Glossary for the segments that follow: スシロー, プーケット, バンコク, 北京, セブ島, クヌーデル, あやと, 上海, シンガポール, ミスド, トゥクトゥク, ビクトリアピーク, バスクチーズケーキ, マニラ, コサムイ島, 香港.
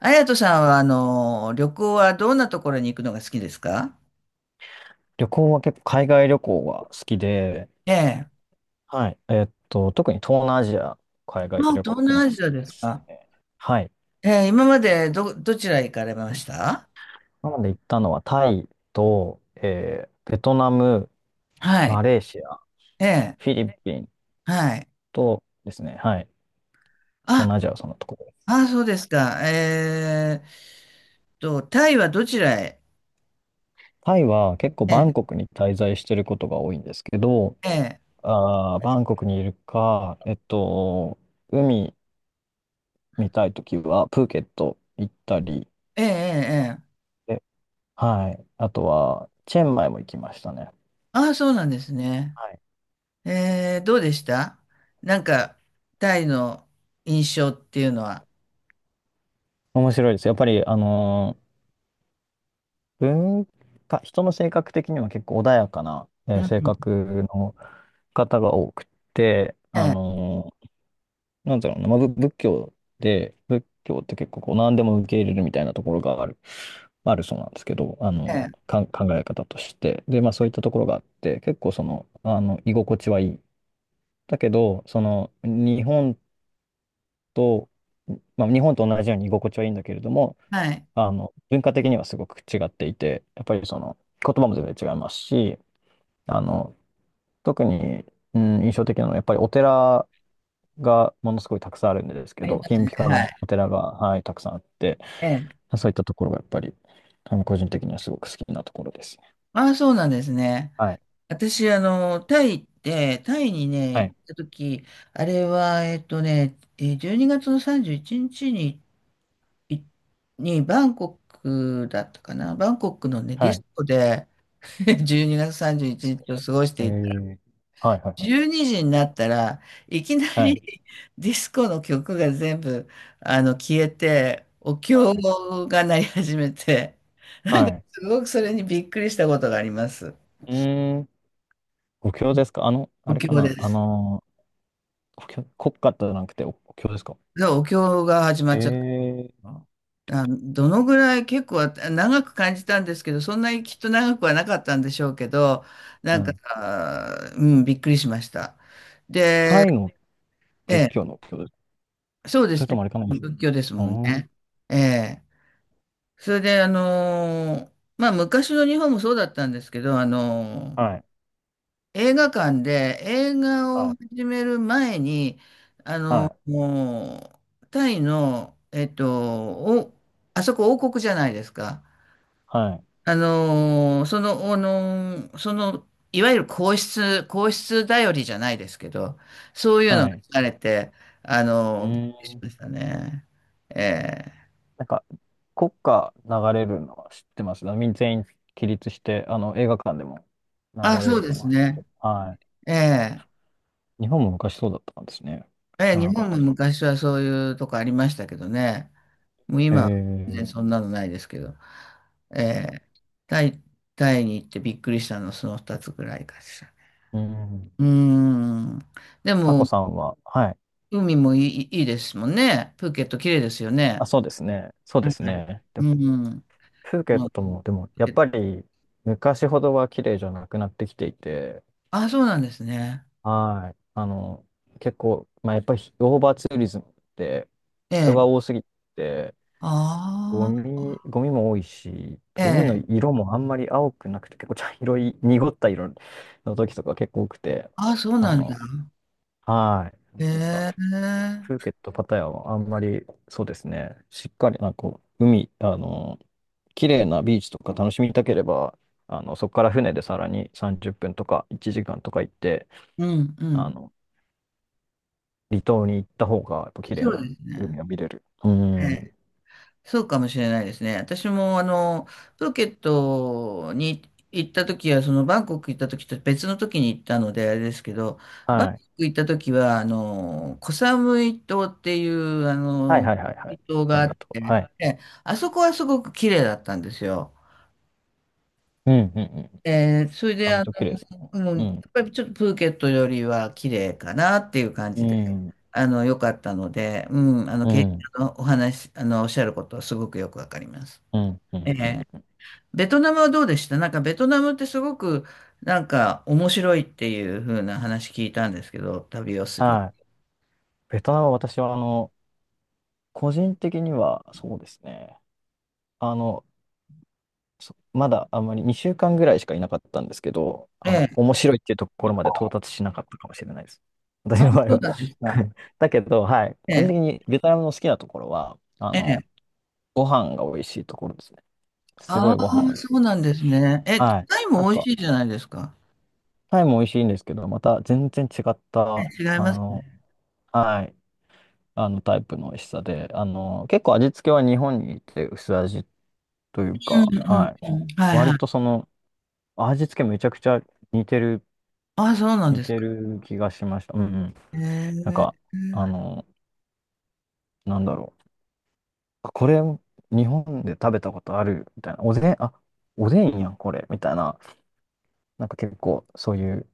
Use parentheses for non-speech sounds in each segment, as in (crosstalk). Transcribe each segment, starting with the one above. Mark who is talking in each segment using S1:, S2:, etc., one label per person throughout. S1: あやとさんは、旅行はどんなところに行くのが好きですか？
S2: 旅行は結構海外旅行が好きで、
S1: ええ。
S2: はい。特に東南アジア、海外
S1: まあ、
S2: 旅行
S1: 東
S2: 行くの
S1: 南
S2: が
S1: ア
S2: 好
S1: ジア
S2: き
S1: で
S2: で
S1: す
S2: す
S1: か？
S2: ね。はい。
S1: ええ、今までどちら行かれました？
S2: なので行ったのはタイと、ベトナム、
S1: は
S2: マ
S1: い。
S2: レーシア、
S1: ええ、
S2: フィリピン
S1: はい。
S2: とですね、はい。東
S1: あ、
S2: 南アジアはそのところです。
S1: あ、そうですか。タイはどちらへ？
S2: タイは結構
S1: え
S2: バ
S1: え、
S2: ンコクに滞在してることが多いんですけど、
S1: ええ、
S2: バンコクにいるか、海見たいときはプーケット行ったり、
S1: ええ、ええ。ええ、
S2: えはい。あとは、チェンマイも行きましたね。
S1: あ、そうなんですね。
S2: はい。
S1: ええ、どうでした？なんか、タイの印象っていうのは。
S2: 面白いです。やっぱり、文化、人の性格的には結構穏やかな、
S1: う
S2: 性
S1: ん。
S2: 格の方が多くて、
S1: ええ、
S2: なんだろうな、まあ、仏教で、仏教って結構こう何でも受け入れるみたいなところがあるそうなんですけど、あの、
S1: ええ、
S2: 考え方として。で、まあそういったところがあって、結構その、あの、居心地はいい。だけど、日本と、まあ、日本と同じように居心地はいいんだけれども、
S1: はい。
S2: あの、文化的にはすごく違っていて、やっぱりその、言葉も全然違いますし、あの、特に、うん、印象的なのは、やっぱりお寺がものすごいたくさんあるんですけ
S1: ありま
S2: ど、
S1: す
S2: 金
S1: ね。
S2: ピカ
S1: はい。
S2: のお寺が、はい、たくさんあって、
S1: ええ、
S2: そういったところがやっぱり、あの、個人的にはすごく好きなところです。
S1: ああ、そうなんですね。
S2: はい、
S1: 私、あの、タイ行って、タイにね、
S2: は
S1: 行
S2: い、
S1: った時、あれは、えっとね、えー12月の31日にちに、いバンコクだったかな。バンコクのね、ディ
S2: はい。
S1: スコで、 (laughs) 12月31日を過ごし
S2: え
S1: ていた。
S2: ー、はい、はい、は
S1: 12
S2: い。
S1: 時になったらいきな
S2: は
S1: り、
S2: い、
S1: (laughs) ディスコの曲が全部、あの、消えて、お
S2: は
S1: 経
S2: い。
S1: が鳴り始めて、なん
S2: は
S1: か、
S2: い。
S1: すごくそれにびっくりしたことがあります。
S2: うーん、お経ですか？あの、あ
S1: お
S2: れ
S1: 経
S2: か
S1: で
S2: な？あ
S1: す。
S2: の、補強国家じゃなくて、お経ですか？
S1: じゃあ、お経が始まっちゃった
S2: ええ、
S1: のかな。あ、どのぐらい、結構長く感じたんですけど、そんなにきっと長くはなかったんでしょうけど、な
S2: う
S1: んか、
S2: ん。
S1: うん、びっくりしました。で、
S2: タイの
S1: え
S2: 仏
S1: え、
S2: 教のお経ですか？
S1: そうで
S2: それ
S1: す
S2: と
S1: ね。
S2: もあれかな？
S1: 仏教です
S2: う
S1: もん
S2: ん。
S1: ね。ええ。それで、まあ、昔の日本もそうだったんですけど、
S2: はい。
S1: 映画館で映画
S2: は
S1: を
S2: い。
S1: 始める前に、
S2: はい。
S1: もう、タイの、あそこ王国じゃないですか。
S2: はい。
S1: あのー、その、あのー、その、いわゆる皇室、皇室頼りじゃないですけど、そういうの
S2: は
S1: が
S2: い。
S1: されて、あ
S2: う
S1: のー、びっ
S2: ー
S1: くりし
S2: ん。
S1: ましたね。ええ、
S2: なんか、国歌流れるのは知ってます。全員起立して、あの、映画館でも流
S1: あ、
S2: れ
S1: そう
S2: る
S1: で
S2: の
S1: す
S2: は知って
S1: ね。
S2: る。は
S1: ええ、
S2: い。日本も昔そうだったんですね。
S1: え
S2: 知
S1: え、
S2: らな
S1: 日
S2: かっ
S1: 本も
S2: たです。
S1: 昔はそういうとこありましたけどね。もう今は全然
S2: え
S1: そ
S2: え、
S1: んなのないですけど、えータイ、タイに行ってびっくりしたのはその2つぐらいかしら。
S2: うん。
S1: うーん。で
S2: さこ
S1: も、
S2: さんは、はい。
S1: 海もいい、いいですもんね。プーケット綺麗ですよ
S2: あ、
S1: ね。
S2: そうですね。そう
S1: は
S2: です
S1: い。
S2: ね。で
S1: うん。うん、
S2: プー
S1: プ
S2: ケットも、でも、
S1: ー
S2: や
S1: ケ
S2: っ
S1: ット、
S2: ぱり、昔ほどは綺麗じゃなくなってきていて、
S1: あ、そうなんですね。
S2: はい。あの、結構、まあ、やっぱり、オーバーツーリズムって、
S1: え
S2: 人
S1: え。
S2: が多すぎて、ゴ
S1: あ
S2: ミ、ゴミも多いし、
S1: あ、え
S2: 海の
S1: え。
S2: 色もあんまり青くなくて、結構茶色い、濁った色の時とか結構多くて、
S1: あ、そう
S2: あ
S1: なんだ。
S2: の、はい。なんか
S1: へえ。
S2: プーケット、パタヤはあんまり、そうですね、しっかり、なんかこう、海、あの、綺麗なビーチとか楽しみたければ、あの、そこから船でさらに30分とか1時間とか行って、
S1: うん、う
S2: あ
S1: ん。
S2: の、離島に行った方が、やっぱ綺麗
S1: そう
S2: な
S1: です
S2: 海
S1: ね。
S2: が見れる。うん。
S1: え、そうかもしれないですね。私もあの、プーケットに行った時は、そのバンコク行った時と別の時に行ったのであれですけど、バン
S2: は
S1: コク
S2: い。
S1: 行った時は、あの、コサムイ島っていう、あ
S2: はい
S1: の、
S2: はいはいはい。
S1: 島があ
S2: 寒
S1: っ
S2: いとこは
S1: て、
S2: い。
S1: え、あそこはすごく綺麗だったんですよ。
S2: うんうんうん。
S1: えーそれ
S2: あ、
S1: で、
S2: めっ
S1: あ
S2: ちゃ綺麗ですね。
S1: の、うん、やっ
S2: う
S1: ぱりちょっとプーケットよりは綺麗かなっていう感
S2: ん。
S1: じで、
S2: うん。
S1: あの、良かったので、うん、あの、
S2: う
S1: けん
S2: ん。
S1: のお話、あの、おっしゃることはすごくよくわかります。
S2: うん。う
S1: え
S2: ん。う
S1: え、
S2: ん
S1: ベトナムはどうでした？なんかベトナムってすごくなんか面白いっていう風な話聞いたんですけど、旅をする。
S2: はい。ベトナムは私は、あの、個人的には、そうですね。あの、まだあんまり2週間ぐらいしかいなかったんですけど、
S1: え
S2: あの、
S1: え、
S2: 面白いっていうところまで到達しなかったかもしれないです。私
S1: あ、
S2: の場合
S1: そう
S2: は。
S1: なんですか。
S2: (laughs) だけど、はい。
S1: え
S2: 個人
S1: え、
S2: 的にベトナムの好きなところは、あ
S1: え
S2: の、
S1: え。
S2: ご飯が美味しいところですね。す
S1: あ
S2: ご
S1: あ、
S2: いご飯美味しい
S1: そうな
S2: で
S1: ん
S2: す。
S1: ですね。え、
S2: はい。
S1: タイ
S2: なん
S1: も美味
S2: か、
S1: しいじゃないですか。
S2: タイも美味しいんですけど、また全然違っ
S1: え
S2: た、
S1: え、違い
S2: あ
S1: ます
S2: の、
S1: ね。
S2: はい、あのタイプの美味しさで、あの、結構味付けは日本にいて薄味という
S1: う
S2: か、
S1: んうんう
S2: は
S1: ん。
S2: い。
S1: はい
S2: 割
S1: はい。
S2: とその、味付けめちゃくちゃ似てる
S1: ああ、そうなん
S2: 似
S1: です
S2: て
S1: か。
S2: る気がしました。うん、うん。
S1: え
S2: なんか、
S1: え、
S2: あの、なんだろう。あ、これ、日本で食べたことあるみたいな。おでん、あ、おでんやん、これ。みたいな。なんか結構、そういう、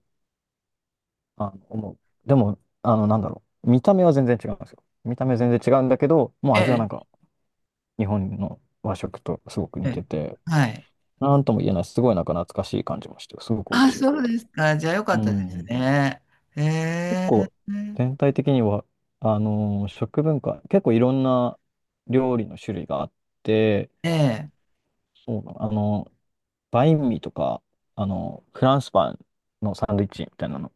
S2: あの、思う。でも、あの、なんだろう。見た目は全然違うんですよ。見た目全然違うんだけど、もう
S1: え
S2: 味はな
S1: え、
S2: んか、日本の和食とすごく
S1: え
S2: 似
S1: え。
S2: てて、
S1: はい。
S2: なんとも言えない、すごいなんか懐かしい感じもして、すごく
S1: あ
S2: 面
S1: あ、
S2: 白か
S1: そ
S2: っ
S1: う
S2: た
S1: で
S2: です。
S1: すか。じゃあよか
S2: う
S1: ったです
S2: ん。
S1: ね。え
S2: 結
S1: え、
S2: 構全体的には、食文化、結構いろんな料理の種類があって、
S1: ええ、
S2: そうだな、バインミーとか、フランスパンのサンドイッチみたいなの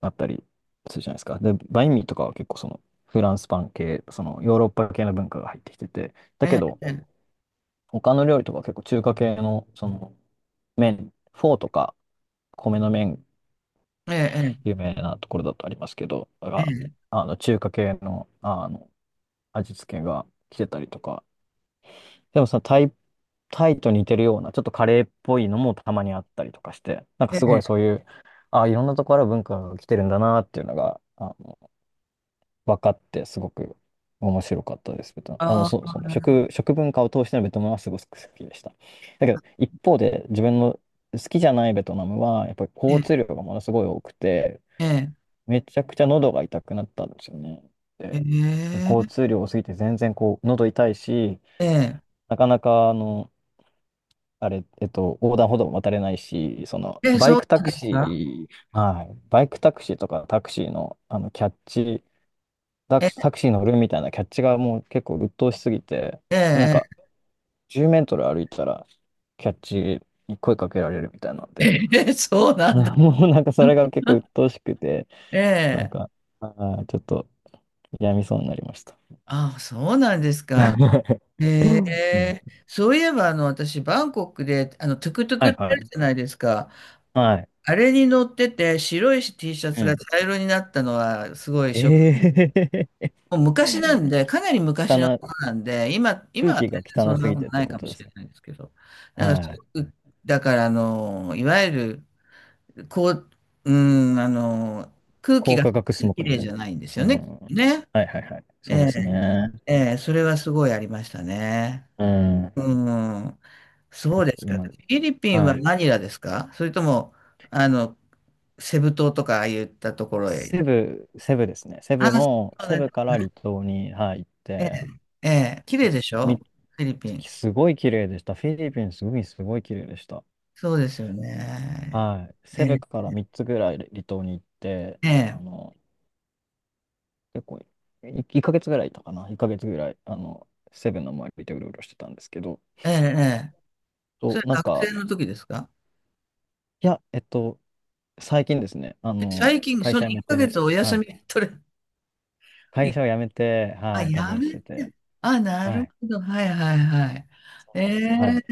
S2: あったりするじゃないですか。で、バインミーとかは結構そのフランスパン系、そのヨーロッパ系の文化が入ってきてて、だ
S1: え
S2: けど
S1: え、え
S2: 他の料理とかは結構中華系のその麺、フォーとか米の麺、
S1: え、ええ、
S2: 有名なところだとありますけど、
S1: ええ。
S2: が
S1: ええ、
S2: あの中華系の、あの味付けが来てたりとか。でもさ、タイと似てるような、ちょっとカレーっぽいのもたまにあったりとかして、なんか
S1: え
S2: すごい
S1: え、
S2: そういう、あ、いろんなところから文化が来てるんだなっていうのが、あの、分かって、すごく面白かったです。ベトナム、あの、
S1: あ
S2: そう、
S1: あ、
S2: その食文化を通してのベトナムはすごく好きでした。だけど、一方で自分の好きじゃないベトナムは、やっぱり
S1: え
S2: 交
S1: え、
S2: 通量がものすごい多くて、
S1: え
S2: めちゃくちゃ喉が痛くなったんですよね。
S1: え、
S2: で
S1: へ
S2: 交
S1: え、
S2: 通量多すぎて全然こう喉痛いし、
S1: え
S2: なかなか、あの、あれ、横断歩道も渡れないし、その、
S1: え、え、
S2: バ
S1: そ
S2: イ
S1: う
S2: クタ
S1: なん
S2: ク
S1: ですか？
S2: シー、はい、バイクタクシーとかタクシーの、あの、キャッチ、
S1: ええ、
S2: タクシー乗るみたいなキャッチがもう結構鬱陶しすぎて、なんか、
S1: え
S2: 10メートル歩いたら、キャッチに声かけられるみたいなん
S1: え、
S2: で、
S1: ええ、(laughs) そう
S2: (laughs)
S1: なんだ。
S2: もうなんかそれが結構鬱
S1: (laughs)
S2: 陶しくて、
S1: え
S2: なん
S1: え、
S2: か、あちょっと、やみそうになりました。
S1: ああ、そうなんですか。え
S2: (laughs) うん、
S1: え、そういえば、あの、私、バンコクで、あの、トゥクトゥ
S2: は
S1: クっ
S2: い、
S1: てあ
S2: は
S1: る
S2: い。
S1: じゃないですか。
S2: はい。
S1: あれに乗ってて、白い T シャ
S2: う
S1: ツが
S2: ん。
S1: 茶色になったのは、すごいショッ。
S2: ええー、
S1: もう昔なんで、かなり
S2: (laughs)
S1: 昔
S2: か
S1: の
S2: な、
S1: ことなんで、今、今
S2: 空
S1: は
S2: 気が
S1: 全然
S2: 汚
S1: そん
S2: す
S1: な
S2: ぎ
S1: こと
S2: てっ
S1: な
S2: て
S1: い
S2: こ
S1: かも
S2: とで
S1: し
S2: す
S1: れ
S2: か？
S1: ないですけど、なんか、す
S2: はい。
S1: ごくだから、あの、いわゆる、こう、うん、あの、空気
S2: 高
S1: が
S2: 化
S1: そん
S2: 学
S1: な
S2: ス
S1: に
S2: モッ
S1: 綺
S2: グみ
S1: 麗
S2: たい
S1: じゃないんです
S2: な。
S1: よ
S2: う
S1: ね、き
S2: ん。
S1: っとね。
S2: はい、はい、はい。
S1: え
S2: そうで
S1: え、
S2: すね。
S1: ええ、それはすごいありましたね。
S2: うん。
S1: うん、そう
S2: 結
S1: です
S2: 構
S1: か。フ
S2: 今でも、
S1: ィリピンは
S2: はい。
S1: マニラですか？それとも、あの、セブ島とかああいったところへ。
S2: セブですね。
S1: あ、そう
S2: セ
S1: で
S2: ブ
S1: す。
S2: から離島に、はい、行っ
S1: ええ、
S2: て、
S1: ええ、綺
S2: い
S1: 麗
S2: くつ
S1: でし
S2: か
S1: ょ？
S2: み
S1: フィリピン。
S2: すごい綺麗でした。フィリピン、すごい、すごい綺麗でした。
S1: そうですよね。
S2: はい。
S1: え
S2: セブ
S1: え、
S2: から3つぐらい離島に行って、
S1: え
S2: あ
S1: え、
S2: の、結構い、1ヶ月ぐらいいたかな。1ヶ月ぐらい、あの、セブの周りでうろうろしてたんですけど、
S1: ええ、ええ、そ
S2: と、
S1: れ
S2: なん
S1: 学
S2: か、
S1: 生の時ですか？
S2: いや、最近ですね、あ
S1: え最
S2: の、
S1: 近、
S2: 会
S1: その
S2: 社辞め
S1: 1ヶ月
S2: て、
S1: お
S2: は
S1: 休み
S2: い。
S1: 取れ、い、
S2: 会社を辞めて、
S1: あ、
S2: はい、旅
S1: や
S2: をし
S1: め、
S2: てて、
S1: あ、な
S2: は
S1: る
S2: い。
S1: ほど。はいはいはい。
S2: そ
S1: え
S2: うなんですよ。はい。
S1: え、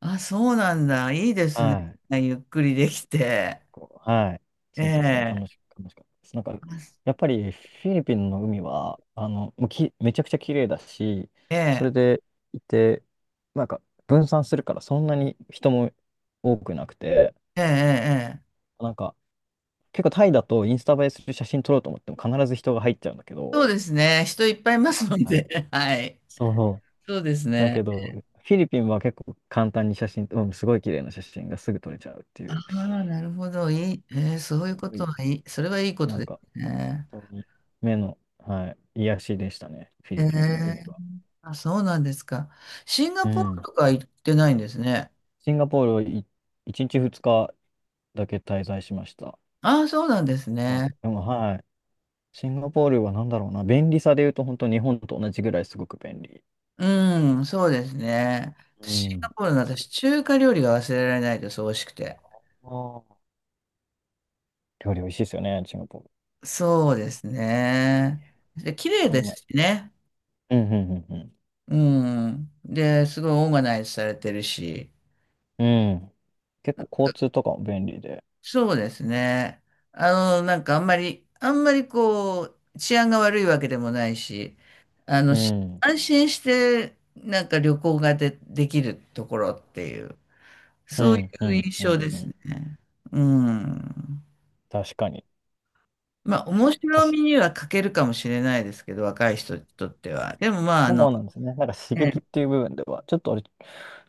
S1: あ、そうなんだ。いいですね。
S2: はい。
S1: ゆっくりできて。
S2: こう、はい。
S1: え
S2: そうですね。
S1: え、
S2: 楽しかったです。なんか、やっぱりフィリピンの海は、あの、もうき、めちゃくちゃ綺麗だし、
S1: え
S2: それ
S1: え、
S2: でいて、なんか、分散するからそんなに人も多くなくて、
S1: ええ、ええ。
S2: なんか、結構タイだとインスタ映えする写真撮ろうと思っても必ず人が入っちゃうんだけど、
S1: そうですね。人いっぱいいますの
S2: は
S1: で。
S2: い。
S1: (laughs) はい。
S2: そう、
S1: そうです
S2: だ
S1: ね。
S2: けど、フィリピンは結構簡単に写真、すごい綺麗な写真がすぐ撮れちゃうってい
S1: あ
S2: う、
S1: あ、なるほど。いい。ええ、そういう
S2: す
S1: こ
S2: ご
S1: と
S2: い、
S1: はいい。それはいいこ
S2: な
S1: と
S2: ん
S1: で
S2: か、
S1: すね。
S2: 本当に目の、はい、癒やしでしたね、フィリピンの海
S1: ええ、
S2: は。
S1: あ、そうなんですか。シンガ
S2: う
S1: ポール
S2: ん。
S1: とか行ってないんですね。
S2: シンガポールを1日2日だけ滞在しました。
S1: ああ、そうなんです
S2: まあ、
S1: ね。
S2: でも、はい。シンガポールは何だろうな、便利さで言うと、本当日本と同じぐらいすごく便利。
S1: うん、そうですね。
S2: う
S1: シンガ
S2: ん。
S1: ポールの私、中華料理が忘れられないです、美味しくて。
S2: あー、料理美味しいですよね、シンガポール。
S1: そうですね。で、綺麗
S2: そ
S1: で
S2: ん
S1: す
S2: な
S1: しね。
S2: うん、うん、うん、
S1: うん。で、すごいオーガナイズされてるし。
S2: うん。うん。結構交通とかも便利で。
S1: そうですね。あの、なんかあんまり、あんまりこう、治安が悪いわけでもないし、
S2: うん。
S1: 安心して、なんか旅行ができるところっていう。
S2: う
S1: そうい
S2: ん、う
S1: う
S2: ん、
S1: 印
S2: う
S1: 象
S2: ん、
S1: で
S2: う
S1: すね。
S2: ん。
S1: うん。
S2: 確かに。
S1: まあ、面
S2: 確
S1: 白
S2: か
S1: みには欠けるかもしれないですけど、若い人にとっては。でも、まあ、あ
S2: そ
S1: の、
S2: うなんですね。なんか刺
S1: ええ、
S2: 激っていう部分では、ちょっとあれ、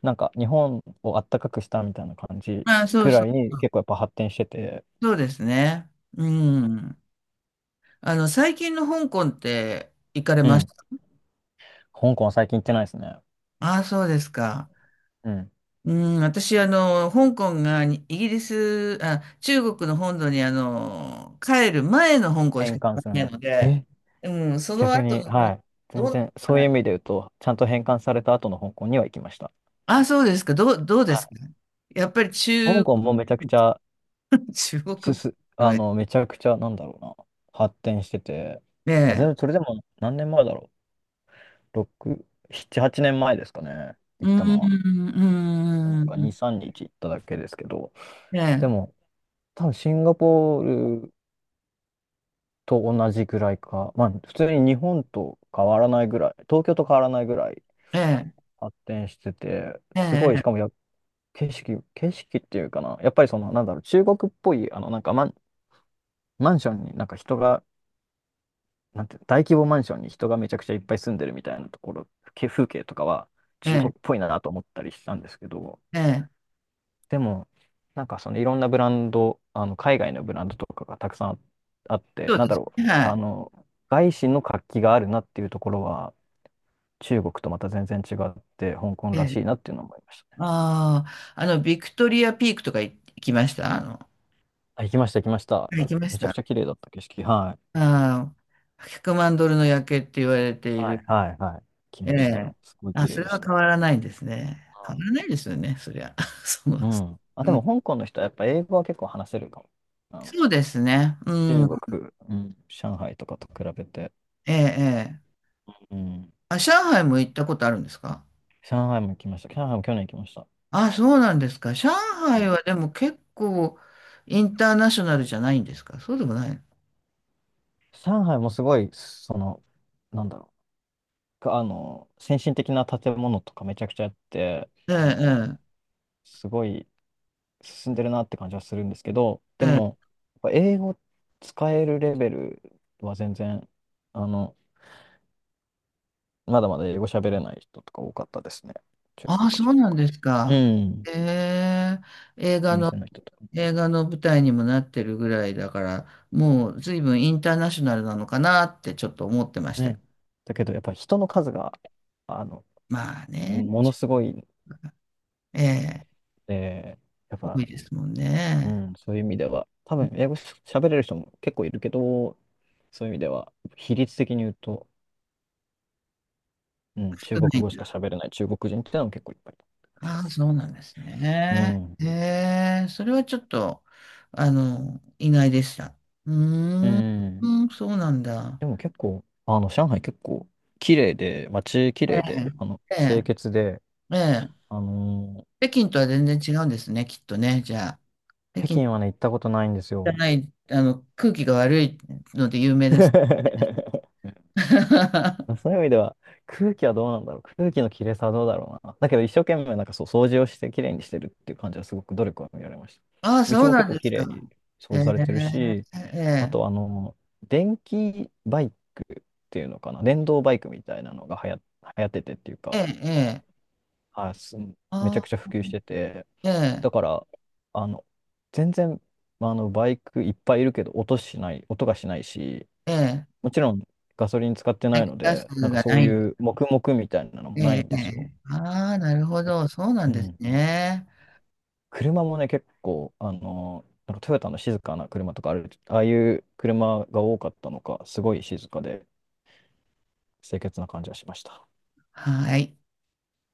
S2: なんか日本をあったかくしたみたいな感じ
S1: まあ、
S2: ぐらいに結構やっぱ発展してて、
S1: そうですね。うん。あの、最近の香港って行かれ
S2: う
S1: まし
S2: ん。
S1: た？
S2: 香港は最近行ってないですね。
S1: ああ、そうですか。
S2: うん。
S1: うん、私、あの、香港がイギリス、あ、中国の本土に、あの、帰る前の香港しか
S2: 返還
S1: 行か
S2: する
S1: な
S2: 前
S1: い
S2: に。
S1: ので、
S2: え
S1: うん、その
S2: 逆
S1: 後
S2: に、
S1: の香
S2: は
S1: 港、
S2: い。
S1: どう
S2: 全
S1: なの
S2: 然、
S1: か
S2: そう
S1: な。
S2: いう意味で言うと、ちゃんと返還された後の香港には行きました。
S1: あ、そうですか。どう
S2: は
S1: ですか。
S2: い。
S1: やっぱり
S2: 香港もめちゃくちゃ、
S1: (laughs) 中国の絵、
S2: めちゃくちゃ、なんだろうな、発展してて、
S1: え
S2: 全
S1: え、
S2: 然それでも何年前だろう。6、7、8年前ですかね。
S1: う
S2: 行
S1: ー
S2: ったのは。
S1: ん、
S2: なん
S1: う
S2: か
S1: ー
S2: 2、
S1: ん、
S2: 3日行っただけですけど。
S1: え
S2: で
S1: え、
S2: も、多分シンガポールと同じぐらいか。まあ、普通に日本と変わらないぐらい、東京と変わらないぐらい
S1: ええ、
S2: 発展してて、
S1: え
S2: すごい、し
S1: え、
S2: かも景色っていうかな。やっぱりなんだろう、中国っぽい、なんかマンションになんか人が、なんて、大規模マンションに人がめちゃくちゃいっぱい住んでるみたいなところ、風景とかは
S1: え
S2: 中国
S1: え、
S2: っぽいなと思ったりしたんですけど、
S1: ええ、
S2: でも、なんかそのいろんなブランド、あの海外のブランドとかがたくさんあって、
S1: そう
S2: なん
S1: で
S2: だ
S1: す
S2: ろう、
S1: ね。は
S2: 外資の活気があるなっていうところは、中国とまた全然違って、香港
S1: い。え
S2: ら
S1: え、
S2: しいなっていうのを思いましたね。
S1: ああ、あの、ビクトリアピークとか行きました？あの、は
S2: あ、行きました、行きました。
S1: い行きまし
S2: めちゃく
S1: た。
S2: ちゃ綺麗だった景色。はい。
S1: ああ、100万ドルの夜景って言われてい
S2: はい、
S1: る。
S2: はい、はい。来
S1: え
S2: ました
S1: え、
S2: よ。すごい
S1: あ、
S2: 綺
S1: そ
S2: 麗
S1: れ
S2: でし
S1: は変
S2: た。
S1: わらないんですね。変わらないですよね、そりゃ。(laughs) その、
S2: うん。うん。あ、で
S1: う
S2: も
S1: ん、
S2: 香港の人はやっぱ英語は結構話せるかも。あの
S1: そうですね。う
S2: 中
S1: ん、
S2: 国、うん、上海とかと比べて。
S1: ええ、ええ。
S2: うん。
S1: あ、上海も行ったことあるんですか？
S2: 上海も行きました。上海も去年行きました。
S1: あ、そうなんですか。上
S2: う
S1: 海
S2: ん。
S1: はでも結構インターナショナルじゃないんですか？そうでもない。
S2: 上海もすごい、なんだろう、先進的な建物とかめちゃくちゃあって、
S1: ええ、
S2: すごい進んでるなって感じはするんですけど、
S1: え
S2: で
S1: え、ええ。
S2: も、やっぱ英語使えるレベルは全然、あの、まだまだ英語喋れない人とか多かったですね。中
S1: あ、
S2: 国
S1: そう
S2: 人と
S1: なん
S2: か。
S1: です
S2: う
S1: か。
S2: ん。
S1: ええ、映
S2: お
S1: 画の、
S2: 店の人とかも
S1: 映画の舞台にもなってるぐらいだから、もう随分インターナショナルなのかなってちょっと思ってました。
S2: ね。だけど、やっぱ人の数が、あの、
S1: まあね、
S2: ものすごいん
S1: ええ、
S2: で、やっ
S1: 多
S2: ぱ、
S1: いですもん
S2: う
S1: ね。
S2: ん、そういう意味では、多分英語し喋れる人も結構いるけど、そういう意味では、比率的に言うと、うん、中
S1: 少な
S2: 国語しか
S1: い。
S2: 喋れない中国人ってのも結構いっぱいいる感じで
S1: ああ、
S2: す。
S1: そうなんです
S2: う
S1: ね。
S2: ん。
S1: へえ、それはちょっと、あの、意外でした。うー
S2: う
S1: ん、
S2: ん。
S1: うん、そうなんだ。
S2: でも結構、上海結構綺麗で、街綺
S1: え
S2: 麗で、
S1: え、え
S2: 清
S1: え、
S2: 潔で、
S1: ええ、
S2: あのー
S1: 北京とは全然違うんですね、きっとね。じゃあ、北
S2: 北
S1: 京じ
S2: 京はね、行ったことないんです
S1: ゃ
S2: よ。
S1: ない、あの、空気が悪いので有名です。
S2: (laughs) まあ、
S1: (laughs)
S2: そういう意味では、空気はどうなんだろう。空気の綺麗さはどうだろうな。だけど一生懸命なんかそう掃除をして綺麗にしてるっていう感じはすごく努力は見られました。
S1: ああ、そ
S2: 道
S1: う
S2: も
S1: な
S2: 結
S1: ん
S2: 構
S1: で
S2: 綺
S1: すか。
S2: 麗に掃
S1: え
S2: 除されてる
S1: え、
S2: し、あ
S1: ええ、
S2: と電気バイクっていうのかな。電動バイクみたいなのが流行っててっていう
S1: ええ、
S2: か、
S1: ええ、
S2: はい、めちゃ
S1: あ
S2: くちゃ
S1: あ、
S2: 普及してて、
S1: ええ、
S2: だから、あの、全然、まあの、バイクいっぱいいるけど音がしないし、
S1: ええ、
S2: もちろんガソリン使って
S1: 排
S2: ない
S1: 気
S2: の
S1: ガス
S2: で、なんか
S1: が
S2: そ
S1: な
S2: う
S1: い。
S2: いう黙々みたいなのもない
S1: ええ、
S2: んですよ。
S1: ああ、なるほど。そうな
S2: う
S1: んです
S2: ん。
S1: ね。
S2: 車もね、結構、なんかトヨタの静かな車とかある、ああいう車が多かったのか、すごい静かで清潔な感じがしました。
S1: はい。